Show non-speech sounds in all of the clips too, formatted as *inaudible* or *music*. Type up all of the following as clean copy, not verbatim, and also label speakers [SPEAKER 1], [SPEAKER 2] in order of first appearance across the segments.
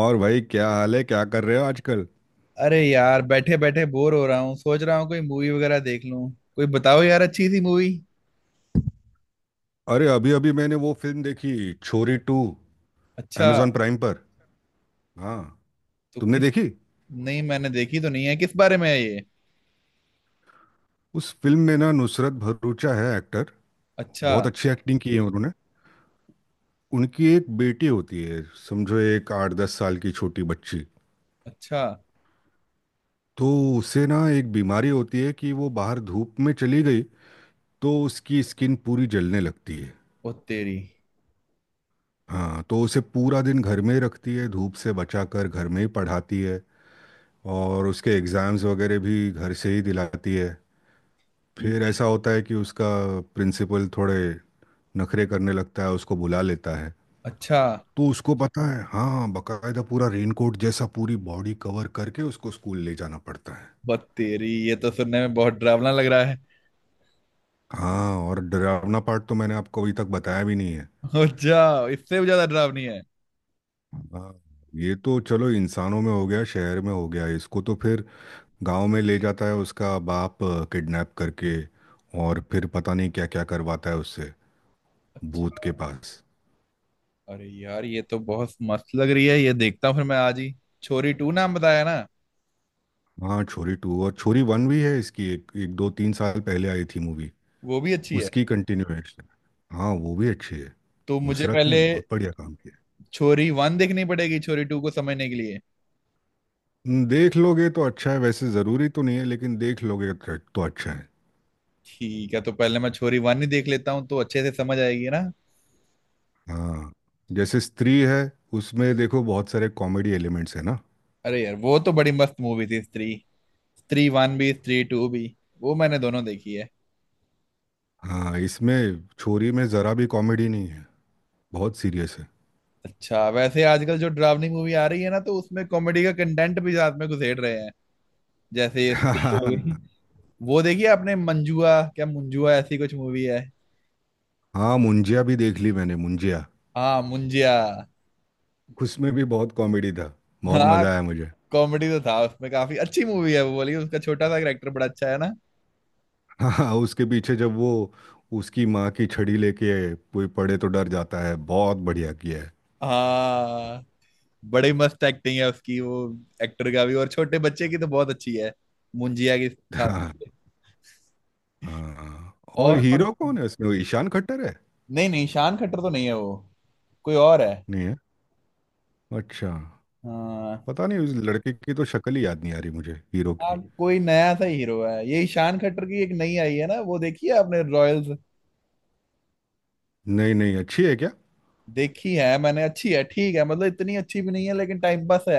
[SPEAKER 1] और भाई, क्या हाल है? क्या कर रहे हो आजकल?
[SPEAKER 2] अरे यार, बैठे बैठे बोर हो रहा हूँ। सोच रहा हूँ कोई मूवी वगैरह देख लूँ। कोई बताओ यार अच्छी सी मूवी।
[SPEAKER 1] अरे, अभी अभी मैंने वो फिल्म देखी, छोरी टू
[SPEAKER 2] अच्छा,
[SPEAKER 1] amazon प्राइम पर। हाँ,
[SPEAKER 2] तो
[SPEAKER 1] तुमने
[SPEAKER 2] किस?
[SPEAKER 1] देखी?
[SPEAKER 2] नहीं, मैंने देखी तो नहीं है, किस बारे में है ये?
[SPEAKER 1] उस फिल्म में ना नुसरत भरूचा है एक्टर।
[SPEAKER 2] अच्छा।
[SPEAKER 1] बहुत अच्छी एक्टिंग की है उन्होंने। उनकी एक बेटी होती है। समझो, एक 8-10 साल की छोटी बच्ची।
[SPEAKER 2] अच्छा।
[SPEAKER 1] तो उसे ना एक बीमारी होती है कि वो बाहर धूप में चली गई तो उसकी स्किन पूरी जलने लगती है।
[SPEAKER 2] ओ तेरी।
[SPEAKER 1] हाँ, तो उसे पूरा दिन घर में ही रखती है, धूप से बचाकर घर में ही पढ़ाती है। और उसके एग्ज़ाम्स वगैरह भी घर से ही दिलाती है। फिर
[SPEAKER 2] ये-
[SPEAKER 1] ऐसा होता है कि उसका प्रिंसिपल थोड़े नखरे करने लगता है, उसको बुला लेता है।
[SPEAKER 2] अच्छा।
[SPEAKER 1] तो उसको पता है हाँ, बकायदा पूरा रेनकोट जैसा पूरी बॉडी कवर करके उसको स्कूल ले जाना पड़ता है।
[SPEAKER 2] बत तेरी, ये तो सुनने में बहुत डरावना लग रहा है।
[SPEAKER 1] हाँ, और डरावना पार्ट तो मैंने आपको अभी तक बताया भी नहीं है।
[SPEAKER 2] *laughs* अच्छा, इससे भी ज्यादा डरावनी है?
[SPEAKER 1] हाँ। ये तो चलो इंसानों में हो गया शहर में हो गया, इसको तो फिर गांव में ले जाता है उसका बाप, किडनैप करके। और फिर पता नहीं क्या क्या करवाता है उससे, भूत
[SPEAKER 2] अच्छा।
[SPEAKER 1] के पास।
[SPEAKER 2] अरे यार, ये तो बहुत मस्त लग रही है, ये देखता हूँ फिर मैं आज ही। छोरी टू नाम बताया ना?
[SPEAKER 1] हाँ, छोरी टू और छोरी वन भी है इसकी, एक एक 2-3 साल पहले आई थी मूवी।
[SPEAKER 2] वो भी अच्छी है?
[SPEAKER 1] उसकी कंटिन्यूएशन। हाँ, वो भी अच्छी है।
[SPEAKER 2] तो मुझे
[SPEAKER 1] नुसरत ने
[SPEAKER 2] पहले
[SPEAKER 1] बहुत बढ़िया काम किया।
[SPEAKER 2] छोरी वन देखनी पड़ेगी छोरी टू को समझने के लिए।
[SPEAKER 1] न, देख लोगे तो अच्छा है वैसे, ज़रूरी तो नहीं है लेकिन देख लोगे तो अच्छा है।
[SPEAKER 2] ठीक है, तो पहले मैं छोरी वन ही देख लेता हूँ तो अच्छे से समझ आएगी ना।
[SPEAKER 1] हाँ। जैसे स्त्री है, उसमें देखो बहुत सारे कॉमेडी एलिमेंट्स है ना।
[SPEAKER 2] अरे यार, वो तो बड़ी मस्त मूवी थी स्त्री। स्त्री वन भी, स्त्री टू भी, वो मैंने दोनों देखी है।
[SPEAKER 1] हाँ, इसमें छोरी में ज़रा भी कॉमेडी नहीं है, बहुत सीरियस है।
[SPEAKER 2] अच्छा, वैसे आजकल जो डरावनी मूवी आ रही है ना तो उसमें कॉमेडी का कंटेंट भी साथ में घुसेड़ रहे हैं। जैसे ये स्त्री हो
[SPEAKER 1] *laughs*
[SPEAKER 2] गई। वो देखी है आपने मंजुआ, क्या मुंजुआ, ऐसी कुछ मूवी है?
[SPEAKER 1] हाँ, मुंजिया भी देख ली मैंने, मुंजिया।
[SPEAKER 2] हाँ, मुंजिया।
[SPEAKER 1] उसमें भी बहुत कॉमेडी था, बहुत
[SPEAKER 2] हाँ,
[SPEAKER 1] मज़ा आया मुझे।
[SPEAKER 2] कॉमेडी तो था उसमें, काफी अच्छी मूवी है वो। बोलिए, उसका छोटा सा कैरेक्टर बड़ा अच्छा है ना?
[SPEAKER 1] हाँ, उसके पीछे जब वो उसकी माँ की छड़ी लेके कोई पड़े तो डर जाता है, बहुत बढ़िया किया है।
[SPEAKER 2] हाँ, बड़ी मस्त एक्टिंग है उसकी। वो एक्टर का भी, और छोटे बच्चे की तो बहुत अच्छी है मुंजिया की खास।
[SPEAKER 1] हाँ। हाँ हाँ। और
[SPEAKER 2] और कौन-
[SPEAKER 1] हीरो कौन है इसमें, वो ईशान खट्टर है?
[SPEAKER 2] नहीं नहीं, शान खट्टर तो नहीं है वो, कोई और है।
[SPEAKER 1] नहीं है। अच्छा।
[SPEAKER 2] हाँ।
[SPEAKER 1] पता नहीं, उस लड़के की तो शक्ल ही याद नहीं आ रही मुझे, हीरो की।
[SPEAKER 2] कोई नया सा हीरो है। यही शान खट्टर की एक नई आई है ना, वो देखी है आपने रॉयल्स?
[SPEAKER 1] नहीं नहीं, अच्छी है क्या?
[SPEAKER 2] देखी है मैंने, अच्छी है, ठीक है, मतलब इतनी अच्छी भी नहीं है लेकिन टाइम पास है।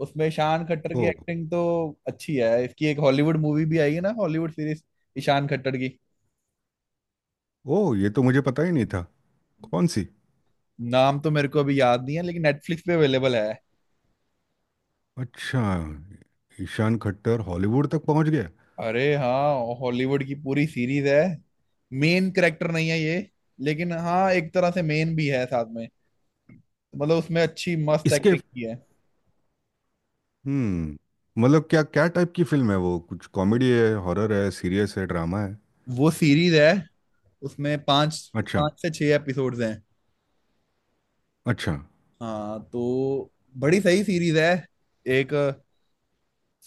[SPEAKER 2] उसमें शान खट्टर
[SPEAKER 1] ओ।
[SPEAKER 2] की एक्टिंग तो अच्छी है। इसकी एक हॉलीवुड मूवी भी आई है ना, हॉलीवुड सीरीज, ईशान खट्टर की।
[SPEAKER 1] ओ, ये तो मुझे पता ही नहीं था। कौन सी?
[SPEAKER 2] नाम तो मेरे को अभी याद नहीं है लेकिन नेटफ्लिक्स पे अवेलेबल है।
[SPEAKER 1] अच्छा। ईशान खट्टर हॉलीवुड तक पहुंच गया।
[SPEAKER 2] अरे हाँ, हॉलीवुड की पूरी सीरीज है। मेन करेक्टर नहीं है ये, लेकिन हाँ एक तरह से मेन भी है साथ में। मतलब उसमें अच्छी मस्त
[SPEAKER 1] इसके
[SPEAKER 2] एक्टिंग की है।
[SPEAKER 1] मतलब क्या क्या टाइप की फिल्म है वो? कुछ कॉमेडी है? हॉरर है? सीरियस है? ड्रामा है?
[SPEAKER 2] वो सीरीज है, उसमें पांच
[SPEAKER 1] अच्छा।
[SPEAKER 2] पांच से छह एपिसोड्स हैं।
[SPEAKER 1] अच्छा।
[SPEAKER 2] हाँ तो बड़ी सही सीरीज है। एक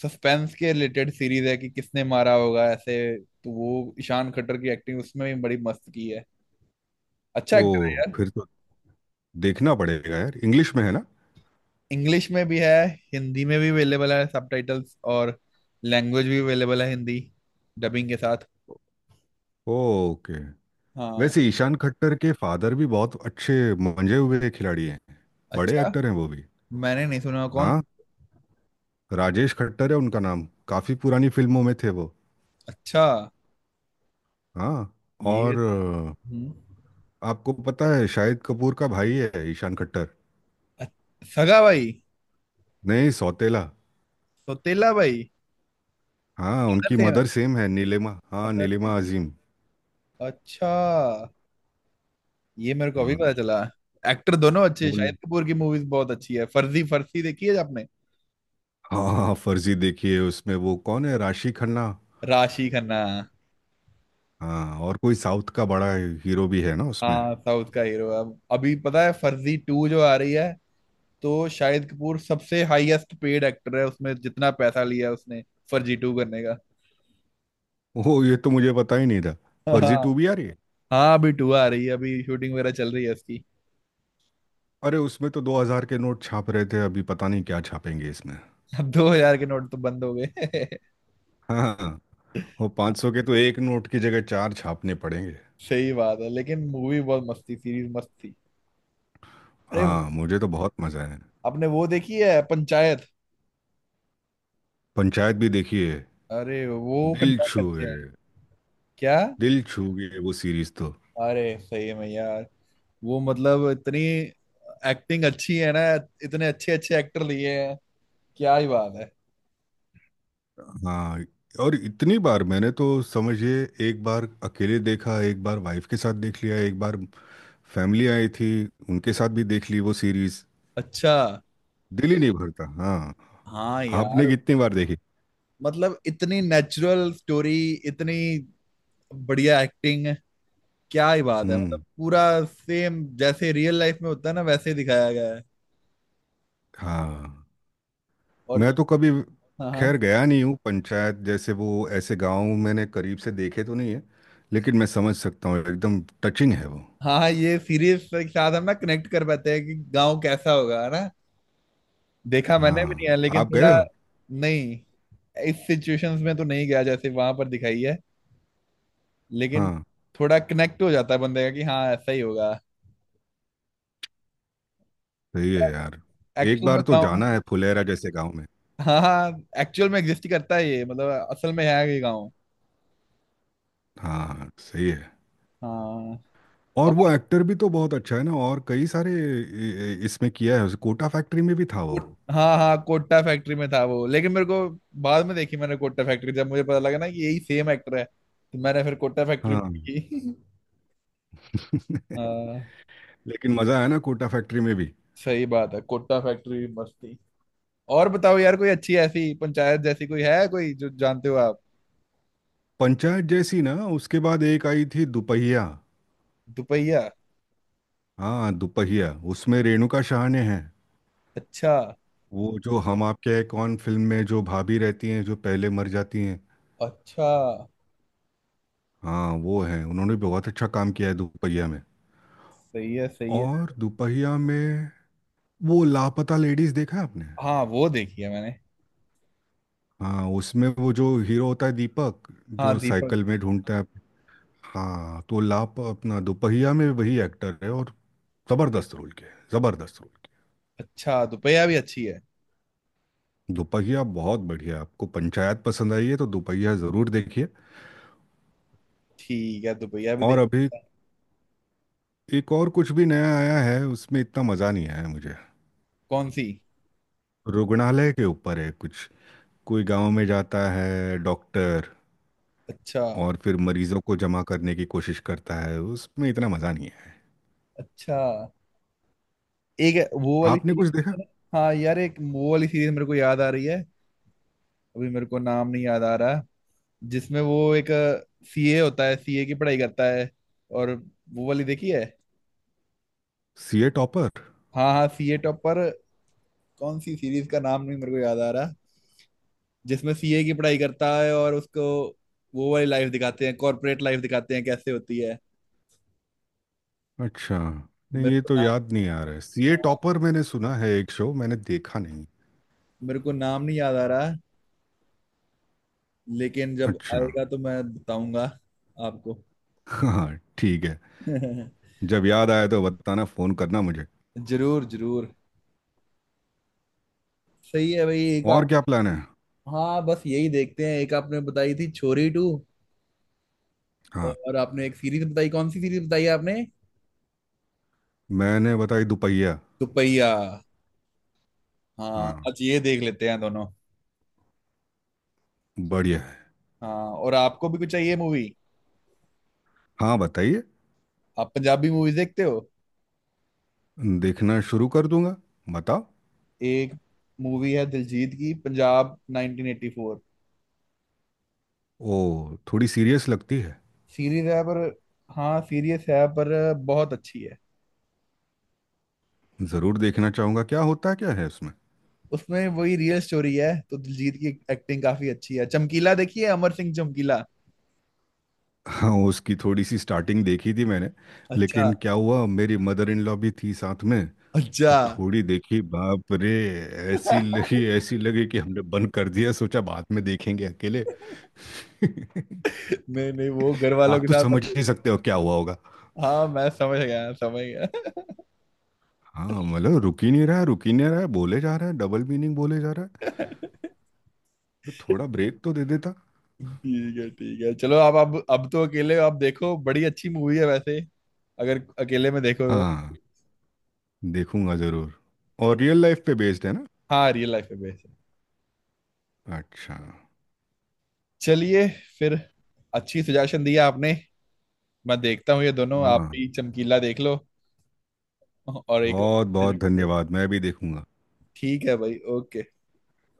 [SPEAKER 2] सस्पेंस के रिलेटेड सीरीज है कि किसने मारा होगा ऐसे। तो वो ईशान खट्टर की एक्टिंग उसमें भी बड़ी मस्त की है। अच्छा
[SPEAKER 1] ओ,
[SPEAKER 2] एक्टर है यार।
[SPEAKER 1] फिर तो देखना पड़ेगा यार। इंग्लिश में है ना?
[SPEAKER 2] इंग्लिश में भी है, हिंदी में भी अवेलेबल है सबटाइटल्स, और लैंग्वेज भी अवेलेबल है हिंदी डबिंग के साथ।
[SPEAKER 1] ओके।
[SPEAKER 2] हाँ।
[SPEAKER 1] वैसे ईशान खट्टर के फादर भी बहुत अच्छे मंजे हुए खिलाड़ी हैं, बड़े
[SPEAKER 2] अच्छा।
[SPEAKER 1] एक्टर हैं वो भी।
[SPEAKER 2] मैंने नहीं सुना, कौन?
[SPEAKER 1] हाँ। राजेश खट्टर है उनका नाम, काफी पुरानी फिल्मों में थे वो।
[SPEAKER 2] अच्छा।
[SPEAKER 1] हाँ।
[SPEAKER 2] ये।
[SPEAKER 1] और
[SPEAKER 2] हम्म,
[SPEAKER 1] आपको पता है शाहिद कपूर का भाई है ईशान खट्टर?
[SPEAKER 2] अ- सगा भाई?
[SPEAKER 1] नहीं, सौतेला।
[SPEAKER 2] सौतेला भाई।
[SPEAKER 1] हाँ,
[SPEAKER 2] भगत
[SPEAKER 1] उनकी
[SPEAKER 2] सिंह है,
[SPEAKER 1] मदर सेम है नीलिमा, हाँ,
[SPEAKER 2] भगत सिंह।
[SPEAKER 1] नीलिमा अजीम।
[SPEAKER 2] अच्छा, ये मेरे को अभी
[SPEAKER 1] हाँ।
[SPEAKER 2] पता चला। एक्टर दोनों अच्छे हैं।
[SPEAKER 1] वो-
[SPEAKER 2] शाहिद कपूर की मूवीज बहुत अच्छी है। फर्जी फर्जी देखी है आपने?
[SPEAKER 1] हाँ, हाँ, फर्जी देखिए, उसमें वो कौन है, राशि खन्ना।
[SPEAKER 2] राशि खन्ना।
[SPEAKER 1] हाँ, और कोई साउथ का बड़ा हीरो भी है ना उसमें।
[SPEAKER 2] हाँ, साउथ का हीरो। अब अभी पता है फर्जी टू जो आ रही है, तो शाहिद कपूर सबसे हाईएस्ट पेड एक्टर है उसमें। जितना पैसा लिया उसने फर्जी टू करने का।
[SPEAKER 1] ओह, ये तो मुझे पता ही नहीं था।
[SPEAKER 2] *laughs* हाँ।
[SPEAKER 1] फर्जी टू भी आ रही है।
[SPEAKER 2] हाँ अभी टू आ रही है, अभी शूटिंग वगैरह चल रही है उसकी।
[SPEAKER 1] अरे, उसमें तो 2000 के नोट छाप रहे थे, अभी पता नहीं क्या छापेंगे इसमें।
[SPEAKER 2] अब *laughs* दो हजार के नोट तो बंद हो गए।
[SPEAKER 1] हाँ। वो 500 के तो एक नोट की जगह चार छापने पड़ेंगे।
[SPEAKER 2] *laughs* सही बात है, लेकिन मूवी बहुत मस्त थी, सीरीज मस्त थी। अरे
[SPEAKER 1] हाँ, मुझे तो बहुत मजा आया।
[SPEAKER 2] आपने वो देखी है पंचायत?
[SPEAKER 1] पंचायत भी देखिए।
[SPEAKER 2] अरे वो
[SPEAKER 1] दिल
[SPEAKER 2] कंटेंट अच्छे
[SPEAKER 1] छूए,
[SPEAKER 2] हैं। क्या?
[SPEAKER 1] दिल छू गए वो सीरीज तो।
[SPEAKER 2] अरे सही में यार, वो मतलब इतनी एक्टिंग अच्छी है ना, इतने अच्छे अच्छे एक्टर लिए हैं, क्या ही बात है।
[SPEAKER 1] हाँ, और इतनी बार मैंने तो समझिए, एक बार अकेले देखा, एक बार वाइफ के साथ देख लिया, एक बार फैमिली आई थी उनके साथ भी देख ली वो सीरीज।
[SPEAKER 2] अच्छा।
[SPEAKER 1] दिल ही नहीं भरता। हाँ,
[SPEAKER 2] हाँ
[SPEAKER 1] आपने
[SPEAKER 2] यार,
[SPEAKER 1] कितनी बार देखी?
[SPEAKER 2] मतलब इतनी नेचुरल स्टोरी, इतनी बढ़िया एक्टिंग, क्या ही बात है। मतलब
[SPEAKER 1] हम्म।
[SPEAKER 2] पूरा सेम जैसे रियल लाइफ में होता है ना वैसे ही दिखाया गया है।
[SPEAKER 1] हाँ,
[SPEAKER 2] और ज-
[SPEAKER 1] मैं तो कभी
[SPEAKER 2] हाँ हाँ।
[SPEAKER 1] खैर गया नहीं हूँ पंचायत जैसे, वो ऐसे गांव मैंने करीब से देखे तो नहीं है, लेकिन मैं समझ सकता हूँ, एकदम टचिंग है वो।
[SPEAKER 2] हाँ हाँ, ये सीरीज के साथ हम ना कनेक्ट कर पाते हैं कि गांव कैसा होगा, है ना? देखा मैंने भी नहीं
[SPEAKER 1] हाँ।
[SPEAKER 2] है लेकिन
[SPEAKER 1] आप गए
[SPEAKER 2] थोड़ा।
[SPEAKER 1] हो?
[SPEAKER 2] नहीं, इस सिचुएशंस में तो नहीं गया जैसे वहां पर दिखाई है, लेकिन
[SPEAKER 1] हाँ।
[SPEAKER 2] थोड़ा कनेक्ट हो जाता है बंदे का कि हाँ ऐसा ही होगा
[SPEAKER 1] सही है यार, एक
[SPEAKER 2] एक्चुअल
[SPEAKER 1] बार
[SPEAKER 2] में
[SPEAKER 1] तो
[SPEAKER 2] गाँव।
[SPEAKER 1] जाना है फुलेरा जैसे गांव में।
[SPEAKER 2] हाँ हाँ, एक्चुअल में एग्जिस्ट करता है ये, मतलब असल में है ये गाँव।
[SPEAKER 1] हाँ, सही है।
[SPEAKER 2] हाँ।
[SPEAKER 1] और
[SPEAKER 2] और
[SPEAKER 1] वो एक्टर भी तो बहुत अच्छा है ना, और कई सारे इसमें किया है, उस कोटा फैक्ट्री में भी था वो।
[SPEAKER 2] कोट- हाँ हाँ, कोट्टा फैक्ट्री में था वो, लेकिन मेरे को बाद में देखी मैंने कोट्टा फैक्ट्री। जब मुझे पता लगा ना कि यही सेम एक्टर है तो मैंने फिर कोट्टा फैक्ट्री
[SPEAKER 1] हाँ।
[SPEAKER 2] देखी। *laughs*
[SPEAKER 1] *laughs*
[SPEAKER 2] हाँ।
[SPEAKER 1] लेकिन मजा आया ना कोटा फैक्ट्री में भी।
[SPEAKER 2] सही बात है, कोट्टा फैक्ट्री भी मस्त थी। और बताओ यार, कोई अच्छी ऐसी पंचायत जैसी कोई है, कोई जो जानते हो आप?
[SPEAKER 1] पंचायत जैसी ना, उसके बाद एक आई थी दुपहिया।
[SPEAKER 2] दुपहिया।
[SPEAKER 1] हाँ, दुपहिया। उसमें रेणुका शाह ने है,
[SPEAKER 2] अच्छा।
[SPEAKER 1] वो जो हम आपके हैं कौन फिल्म में जो भाभी रहती हैं जो पहले मर जाती हैं।
[SPEAKER 2] अच्छा।
[SPEAKER 1] हाँ, वो है, उन्होंने बहुत अच्छा काम किया है दुपहिया में।
[SPEAKER 2] सही है सही है।
[SPEAKER 1] और दुपहिया में वो, लापता लेडीज देखा है आपने?
[SPEAKER 2] हाँ वो देखी है मैंने।
[SPEAKER 1] हाँ, उसमें वो जो हीरो होता है दीपक,
[SPEAKER 2] हाँ
[SPEAKER 1] जो
[SPEAKER 2] दीपक।
[SPEAKER 1] साइकिल में ढूंढता है। हाँ, तो लाप अपना दुपहिया में वही एक्टर है, और जबरदस्त रोल किया है, जबरदस्त रोल।
[SPEAKER 2] अच्छा, दुपहिया भी अच्छी है?
[SPEAKER 1] दोपहिया बहुत बढ़िया, आपको पंचायत पसंद आई है तो दोपहिया ज़रूर देखिए।
[SPEAKER 2] ठीक है, दुपहिया भी
[SPEAKER 1] और
[SPEAKER 2] देख।
[SPEAKER 1] अभी एक और कुछ भी नया आया है, उसमें इतना मज़ा नहीं आया मुझे।
[SPEAKER 2] कौन सी?
[SPEAKER 1] रुग्णालय के ऊपर है कुछ, कोई गांव में जाता है डॉक्टर
[SPEAKER 2] अच्छा।
[SPEAKER 1] और फिर मरीजों को जमा करने की कोशिश करता है, उसमें इतना मज़ा नहीं है।
[SPEAKER 2] अच्छा। एक है- वो वाली
[SPEAKER 1] आपने कुछ देखा?
[SPEAKER 2] सीरीज। हाँ यार, एक वो वाली सीरीज मेरे को याद आ रही है। अभी मेरे को नाम नहीं याद आ रहा। जिसमें वो एक सीए होता है, सीए की पढ़ाई करता है, और वो वाली देखी है?
[SPEAKER 1] CA topper?
[SPEAKER 2] हाँ हाँ, सीए टॉपर। कौन सी सीरीज का नाम नहीं मेरे को याद आ रहा जिसमें सीए की पढ़ाई करता है और उसको वो वाली लाइफ दिखाते हैं, कॉर्पोरेट लाइफ दिखाते हैं कैसे होती है।
[SPEAKER 1] अच्छा। नहीं,
[SPEAKER 2] मेरे
[SPEAKER 1] ये
[SPEAKER 2] को
[SPEAKER 1] तो
[SPEAKER 2] ना,
[SPEAKER 1] याद नहीं आ रहा है, सीए
[SPEAKER 2] हाँ,
[SPEAKER 1] टॉपर मैंने सुना है, एक शो, मैंने देखा नहीं।
[SPEAKER 2] मेरे को नाम नहीं याद आ रहा, लेकिन जब
[SPEAKER 1] अच्छा।
[SPEAKER 2] आएगा तो मैं बताऊंगा आपको।
[SPEAKER 1] हाँ। ठीक है।
[SPEAKER 2] *laughs*
[SPEAKER 1] जब याद आया तो बताना, फ़ोन करना मुझे।
[SPEAKER 2] जरूर जरूर। सही है भाई। एक
[SPEAKER 1] और
[SPEAKER 2] आप,
[SPEAKER 1] क्या प्लान है?
[SPEAKER 2] हाँ बस यही देखते हैं। एक आपने बताई थी छोरी टू,
[SPEAKER 1] हाँ,
[SPEAKER 2] और आपने एक सीरीज बताई, कौन सी सीरीज बताई आपने?
[SPEAKER 1] मैंने बताई दुपहिया।
[SPEAKER 2] दुपहिया। हाँ,
[SPEAKER 1] हाँ।
[SPEAKER 2] आज ये देख लेते हैं दोनों।
[SPEAKER 1] बढ़िया है।
[SPEAKER 2] हाँ, और आपको भी कुछ चाहिए मूवी?
[SPEAKER 1] हाँ, बताइए,
[SPEAKER 2] आप पंजाबी मूवीज देखते हो?
[SPEAKER 1] देखना शुरू कर दूंगा, बताओ।
[SPEAKER 2] एक मूवी है दिलजीत की, पंजाब 1984।
[SPEAKER 1] ओ, थोड़ी सीरियस लगती है।
[SPEAKER 2] सीरीज है पर, हाँ सीरीज है पर, बहुत अच्छी है।
[SPEAKER 1] ज़रूर देखना चाहूँगा, क्या होता क्या है उसमें?
[SPEAKER 2] उसमें वही रियल स्टोरी है तो दिलजीत की एक्टिंग काफी अच्छी है। चमकीला देखिए, अमर सिंह चमकीला।
[SPEAKER 1] हाँ, उसकी थोड़ी सी स्टार्टिंग देखी थी मैंने,
[SPEAKER 2] अच्छा।
[SPEAKER 1] लेकिन क्या हुआ, मेरी मदर इन लॉ भी थी साथ में,
[SPEAKER 2] अच्छा।
[SPEAKER 1] तो थोड़ी देखी, बाप रे,
[SPEAKER 2] *laughs*
[SPEAKER 1] ऐसी लगी कि हमने बंद कर दिया, सोचा बाद में देखेंगे अकेले। *laughs*
[SPEAKER 2] नहीं नहीं, वो घर वालों
[SPEAKER 1] आप
[SPEAKER 2] के
[SPEAKER 1] तो
[SPEAKER 2] साथ मत
[SPEAKER 1] समझ ही
[SPEAKER 2] देखना।
[SPEAKER 1] सकते हो क्या हुआ।
[SPEAKER 2] हाँ, मैं समझ गया समझ गया।
[SPEAKER 1] हाँ, मतलब रुक ही नहीं रहा है, रुक ही नहीं रहा है, बोले जा रहा है, डबल मीनिंग बोले जा रहा है, तो थोड़ा ब्रेक तो दे देता।
[SPEAKER 2] ठीक है ठीक है, चलो आप अब तो अकेले आप देखो। बड़ी अच्छी मूवी है वैसे, अगर अकेले में देखो तो।
[SPEAKER 1] हाँ, देखूंगा जरूर। और रियल लाइफ पे बेस्ड है ना?
[SPEAKER 2] हाँ रियल लाइफ पे बेस्ड है।
[SPEAKER 1] अच्छा।
[SPEAKER 2] चलिए फिर, अच्छी सजेशन दिया आपने। मैं देखता हूँ ये दोनों। आप
[SPEAKER 1] हाँ,
[SPEAKER 2] भी चमकीला देख लो, और एक
[SPEAKER 1] बहुत बहुत
[SPEAKER 2] और
[SPEAKER 1] धन्यवाद, मैं भी देखूंगा।
[SPEAKER 2] ठीक है भाई, ओके।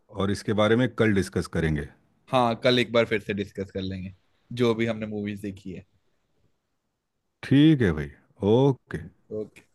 [SPEAKER 1] और इसके बारे में कल डिस्कस करेंगे।
[SPEAKER 2] हाँ, कल एक बार फिर से डिस्कस कर लेंगे जो भी हमने मूवीज देखी है।
[SPEAKER 1] ठीक है भाई। ओके।
[SPEAKER 2] ओके।